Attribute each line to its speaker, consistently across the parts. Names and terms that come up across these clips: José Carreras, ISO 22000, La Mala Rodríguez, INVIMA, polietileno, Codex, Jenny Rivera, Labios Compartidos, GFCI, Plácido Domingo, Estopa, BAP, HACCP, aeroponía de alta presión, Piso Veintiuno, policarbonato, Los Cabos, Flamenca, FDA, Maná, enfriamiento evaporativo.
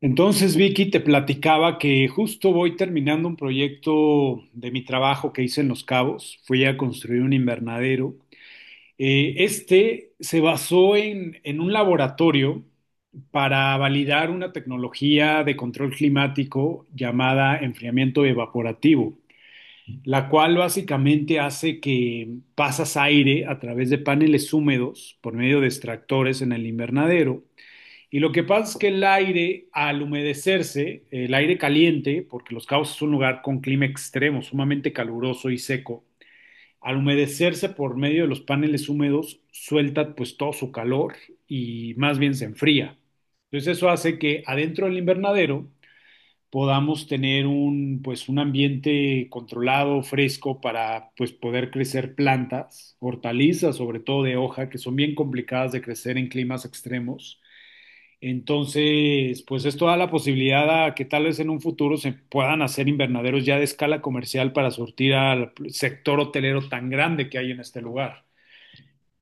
Speaker 1: Entonces, Vicky, te platicaba que justo voy terminando un proyecto de mi trabajo que hice en Los Cabos. Fui a construir un invernadero. Este se basó en un laboratorio para validar una tecnología de control climático llamada enfriamiento evaporativo, la cual básicamente hace que pasas aire a través de paneles húmedos por medio de extractores en el invernadero. Y lo que pasa es que el aire, al humedecerse, el aire caliente, porque Los Cabos es un lugar con clima extremo, sumamente caluroso y seco, al humedecerse por medio de los paneles húmedos, suelta pues todo su calor y más bien se enfría. Entonces eso hace que adentro del invernadero podamos tener un, pues, un ambiente controlado, fresco, para, pues, poder crecer plantas, hortalizas, sobre todo de hoja, que son bien complicadas de crecer en climas extremos. Entonces, pues esto da la posibilidad a que tal vez en un futuro se puedan hacer invernaderos ya de escala comercial para surtir al sector hotelero tan grande que hay en este lugar.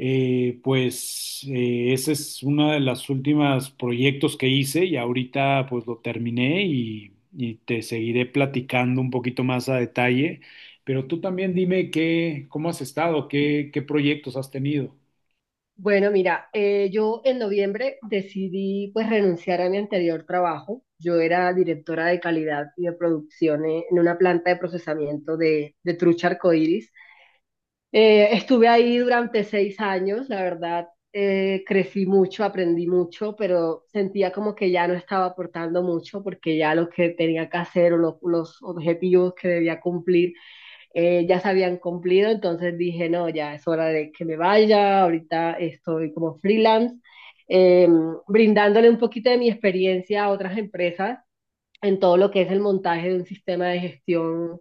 Speaker 1: Pues ese es uno de los últimos proyectos que hice y ahorita pues lo terminé y te seguiré platicando un poquito más a detalle. Pero tú también dime cómo has estado, qué proyectos has tenido.
Speaker 2: Bueno, mira, yo en noviembre decidí pues renunciar a mi anterior trabajo. Yo era directora de calidad y de producción en una planta de procesamiento de trucha arcoíris. Estuve ahí durante 6 años, la verdad, crecí mucho, aprendí mucho, pero sentía como que ya no estaba aportando mucho porque ya lo que tenía que hacer o los objetivos que debía cumplir ya se habían cumplido, entonces dije, no, ya es hora de que me vaya, ahorita estoy como freelance, eh, brindándole un poquito de mi experiencia a otras empresas en todo lo que es el montaje de un sistema de gestión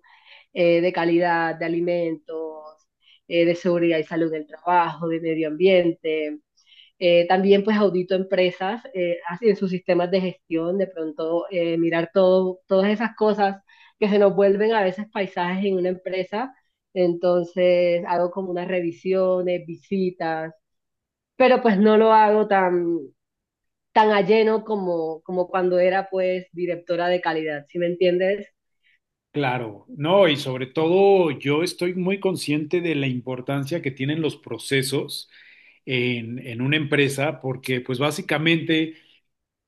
Speaker 2: de calidad de alimentos, de seguridad y salud del trabajo, de medio ambiente, también pues audito empresas en sus sistemas de gestión, de pronto mirar todo, todas esas cosas que se nos vuelven a veces paisajes en una empresa. Entonces hago como unas revisiones, visitas, pero pues no lo hago tan, tan a lleno como, como cuando era pues directora de calidad, ¿sí me entiendes?
Speaker 1: Claro, no, y sobre todo yo estoy muy consciente de la importancia que tienen los procesos en una empresa, porque pues básicamente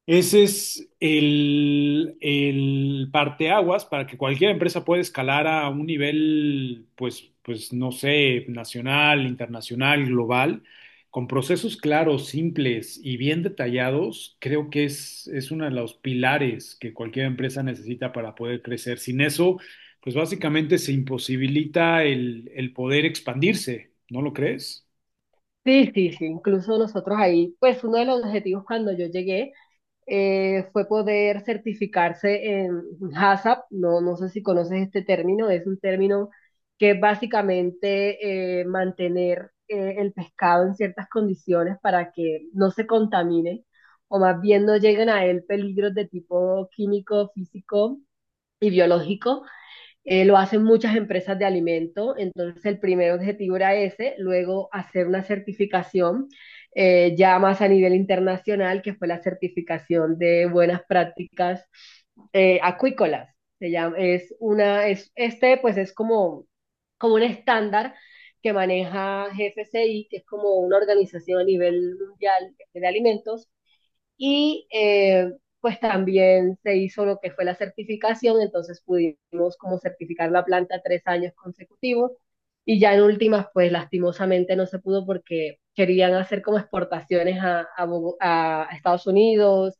Speaker 1: ese es el parteaguas para que cualquier empresa pueda escalar a un nivel, pues, pues no sé, nacional, internacional, global, con procesos claros, simples y bien detallados. Creo que es uno de los pilares que cualquier empresa necesita para poder crecer. Sin eso, pues básicamente se imposibilita el poder expandirse, ¿no lo crees?
Speaker 2: Sí, sí, sí, incluso nosotros ahí, pues uno de los objetivos cuando yo llegué fue poder certificarse en HACCP. No, no sé si conoces este término, es un término que es básicamente mantener el pescado en ciertas condiciones para que no se contamine o más bien no lleguen a él peligros de tipo químico, físico y biológico. Lo hacen muchas empresas de alimento, entonces el primer objetivo era ese, luego hacer una certificación ya más a nivel internacional, que fue la certificación de buenas prácticas acuícolas. Se llama, es una, es, este pues es como, como un estándar que maneja GFCI, que es como una organización a nivel mundial de alimentos, y pues también se hizo lo que fue la certificación, entonces pudimos como certificar la planta 3 años consecutivos y ya en últimas pues lastimosamente no se pudo porque querían hacer como exportaciones a a Estados Unidos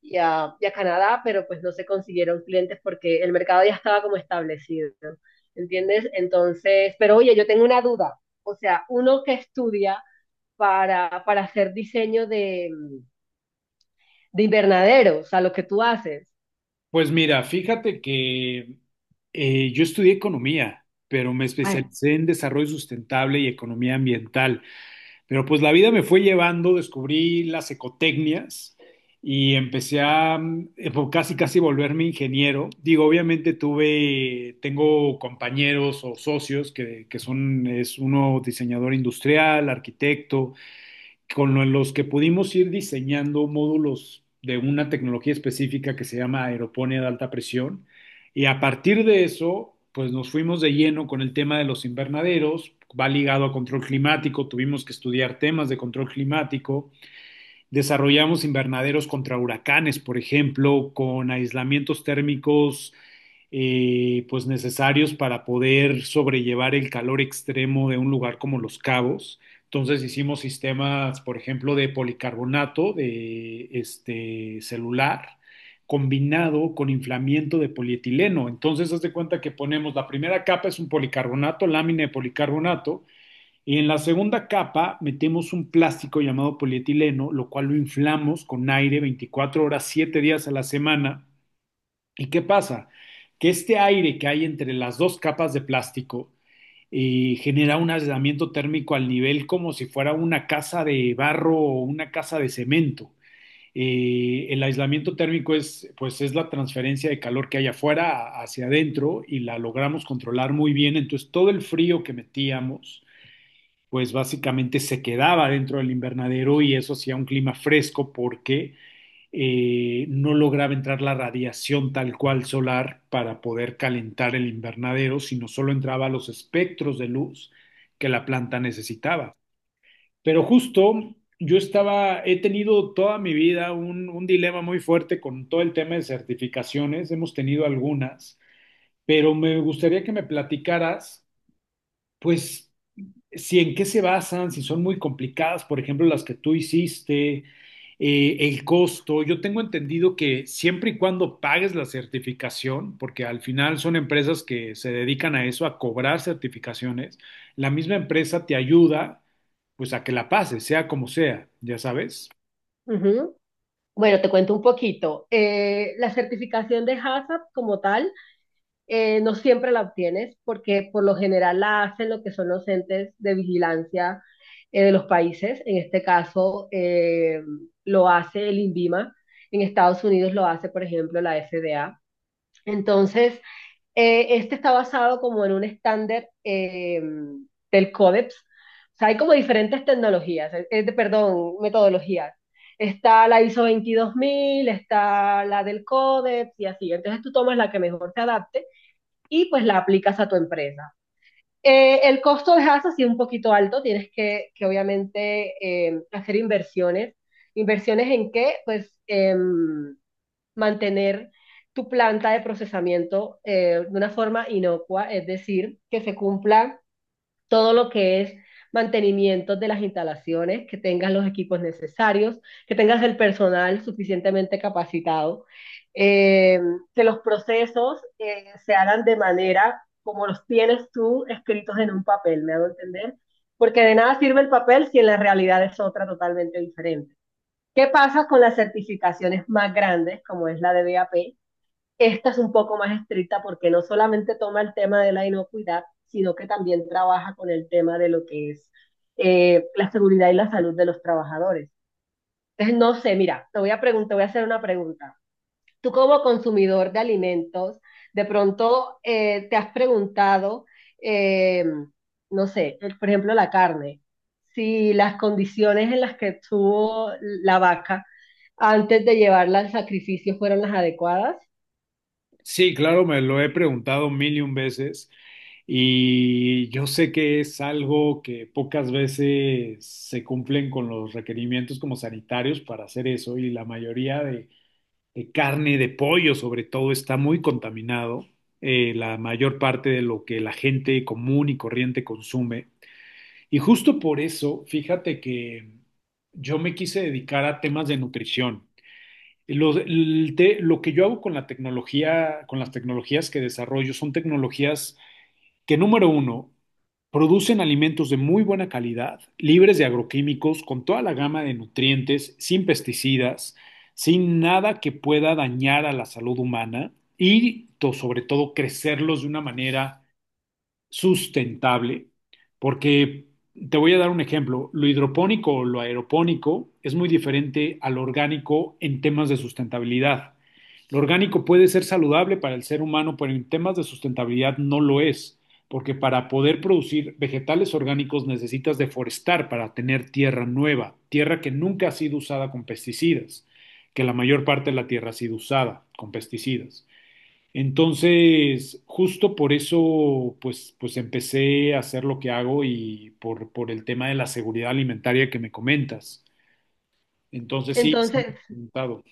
Speaker 2: y a Canadá, pero pues no se consiguieron clientes porque el mercado ya estaba como establecido, ¿entiendes? Entonces, pero oye, yo tengo una duda, o sea, uno que estudia para hacer diseño de invernadero, o sea, lo que tú haces.
Speaker 1: Pues mira, fíjate que yo estudié economía, pero me
Speaker 2: Ay,
Speaker 1: especialicé en desarrollo sustentable y economía ambiental. Pero pues la vida me fue llevando, descubrí las ecotecnias y empecé a casi casi volverme ingeniero. Digo, obviamente tuve, tengo compañeros o socios que son, es uno diseñador industrial, arquitecto, con los que pudimos ir diseñando módulos de una tecnología específica que se llama aeroponía de alta presión. Y a partir de eso, pues nos fuimos de lleno con el tema de los invernaderos, va ligado a control climático, tuvimos que estudiar temas de control climático, desarrollamos invernaderos contra huracanes, por ejemplo, con aislamientos térmicos pues necesarios para poder sobrellevar el calor extremo de un lugar como Los Cabos. Entonces hicimos sistemas, por ejemplo, de policarbonato de este celular combinado con inflamiento de polietileno. Entonces, haz de cuenta que ponemos la primera capa es un policarbonato, lámina de policarbonato, y en la segunda capa metemos un plástico llamado polietileno, lo cual lo inflamos con aire 24 horas, 7 días a la semana. ¿Y qué pasa? Que este aire que hay entre las dos capas de plástico genera un aislamiento térmico al nivel como si fuera una casa de barro o una casa de cemento. El aislamiento térmico es, pues, es la transferencia de calor que hay afuera hacia adentro y la logramos controlar muy bien. Entonces, todo el frío que metíamos, pues básicamente se quedaba dentro del invernadero y eso hacía un clima fresco porque no lograba entrar la radiación tal cual solar para poder calentar el invernadero, sino solo entraba los espectros de luz que la planta necesitaba. Pero justo yo estaba, he tenido toda mi vida un dilema muy fuerte con todo el tema de certificaciones, hemos tenido algunas, pero me gustaría que me platicaras, pues, si en qué se basan, si son muy complicadas, por ejemplo, las que tú hiciste, el costo. Yo tengo entendido que siempre y cuando pagues la certificación, porque al final son empresas que se dedican a eso, a cobrar certificaciones, la misma empresa te ayuda pues a que la pases, sea como sea, ya sabes.
Speaker 2: ujú. Bueno, te cuento un poquito. La certificación de HACCP como tal no siempre la obtienes porque por lo general la hacen lo que son los entes de vigilancia de los países. En este caso lo hace el INVIMA. En Estados Unidos lo hace, por ejemplo, la FDA. Entonces, este está basado como en un estándar del Codex. O sea, hay como diferentes tecnologías, perdón, metodologías. Está la ISO 22000, está la del Codex y así. Entonces tú tomas la que mejor te adapte y pues la aplicas a tu empresa. El costo es así un poquito alto, tienes que obviamente hacer inversiones. ¿Inversiones en qué? Pues mantener tu planta de procesamiento de una forma inocua, es decir, que se cumpla todo lo que es mantenimiento de las instalaciones, que tengas los equipos necesarios, que tengas el personal suficientemente capacitado, eh, que los procesos se hagan de manera como los tienes tú escritos en un papel, ¿me hago entender? Porque de nada sirve el papel si en la realidad es otra totalmente diferente. ¿Qué pasa con las certificaciones más grandes, como es la de BAP? Esta es un poco más estricta porque no solamente toma el tema de la inocuidad, sino que también trabaja con el tema de lo que es la seguridad y la salud de los trabajadores. Entonces, no sé, mira, te voy a preguntar, voy a hacer una pregunta. Tú como consumidor de alimentos, de pronto te has preguntado, eh, no sé, por ejemplo, la carne, si las condiciones en las que estuvo la vaca antes de llevarla al sacrificio fueron las adecuadas.
Speaker 1: Sí, claro, me lo he preguntado mil y un veces y yo sé que es algo que pocas veces se cumplen con los requerimientos como sanitarios para hacer eso y la mayoría de carne, de pollo sobre todo, está muy contaminado, la mayor parte de lo que la gente común y corriente consume. Y justo por eso, fíjate que yo me quise dedicar a temas de nutrición lo que yo hago con la tecnología, con las tecnologías que desarrollo, son tecnologías que, número 1, producen alimentos de muy buena calidad, libres de agroquímicos, con toda la gama de nutrientes, sin pesticidas, sin nada que pueda dañar a la salud humana y, sobre todo, crecerlos de una manera sustentable, porque te voy a dar un ejemplo. Lo hidropónico o lo aeropónico es muy diferente al orgánico en temas de sustentabilidad. Lo orgánico puede ser saludable para el ser humano, pero en temas de sustentabilidad no lo es, porque para poder producir vegetales orgánicos necesitas deforestar para tener tierra nueva, tierra que nunca ha sido usada con pesticidas, que la mayor parte de la tierra ha sido usada con pesticidas. Entonces, justo por eso, pues, pues empecé a hacer lo que hago y por el tema de la seguridad alimentaria que me comentas. Entonces, sí, sí, me
Speaker 2: Entonces,
Speaker 1: he preguntado.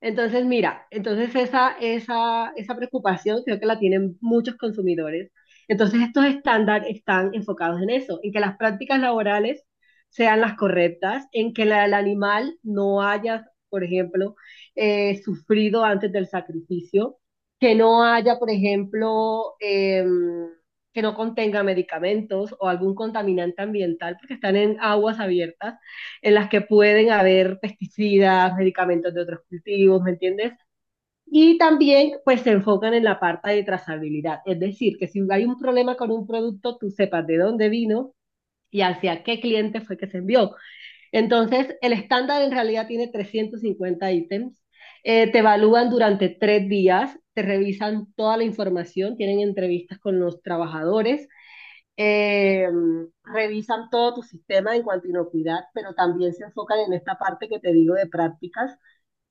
Speaker 2: entonces, mira, entonces esa preocupación creo que la tienen muchos consumidores. Entonces, estos estándares están enfocados en eso, en que las prácticas laborales sean las correctas, en que el animal no haya, por ejemplo, sufrido antes del sacrificio, que no haya, por ejemplo, que no contenga medicamentos o algún contaminante ambiental, porque están en aguas abiertas en las que pueden haber pesticidas, medicamentos de otros cultivos, ¿me entiendes? Y también pues se enfocan en la parte de trazabilidad, es decir, que si hay un problema con un producto, tú sepas de dónde vino y hacia qué cliente fue que se envió. Entonces, el estándar en realidad tiene 350 ítems, te evalúan durante 3 días, te revisan toda la información, tienen entrevistas con los trabajadores eh, revisan todo tu sistema en cuanto a inocuidad, pero también se enfocan en esta parte que te digo de prácticas,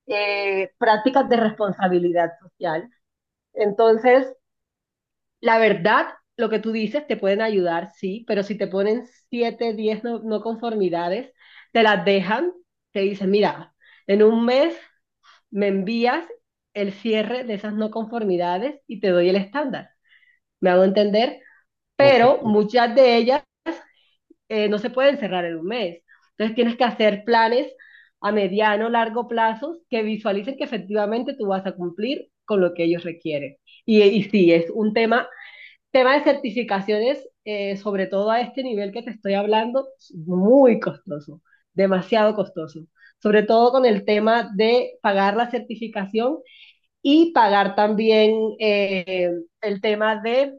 Speaker 2: prácticas de responsabilidad social. Entonces, la verdad, lo que tú dices te pueden ayudar, sí, pero si te ponen 7, 10 no, no conformidades, te las dejan, te dicen, mira, en 1 mes me envías el cierre de esas no conformidades y te doy el estándar. ¿Me hago entender?
Speaker 1: Ok.
Speaker 2: Pero muchas de ellas no se pueden cerrar en 1 mes. Entonces tienes que hacer planes a mediano, largo plazo que visualicen que efectivamente tú vas a cumplir con lo que ellos requieren. Y sí, es un tema, tema de certificaciones, sobre todo a este nivel que te estoy hablando, muy costoso, demasiado costoso. Sobre todo con el tema de pagar la certificación y pagar también eh, el tema de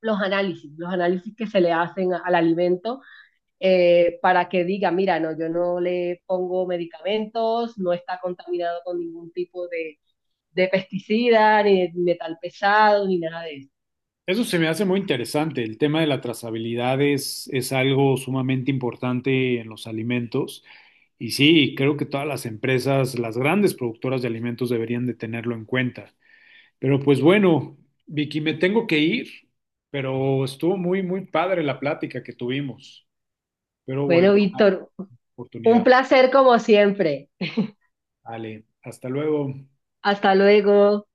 Speaker 2: los análisis que se le hacen al alimento para que diga, mira, no, yo no le pongo medicamentos, no está contaminado con ningún tipo de pesticida, ni de metal pesado, ni nada de eso.
Speaker 1: Eso se me hace muy interesante. El tema de la trazabilidad es algo sumamente importante en los alimentos. Y sí, creo que todas las empresas, las grandes productoras de alimentos deberían de tenerlo en cuenta. Pero pues bueno, Vicky, me tengo que ir, pero estuvo muy, muy padre la plática que tuvimos. Espero volver
Speaker 2: Bueno,
Speaker 1: a la
Speaker 2: Víctor, un
Speaker 1: oportunidad.
Speaker 2: placer como siempre.
Speaker 1: Vale, hasta luego.
Speaker 2: Hasta luego.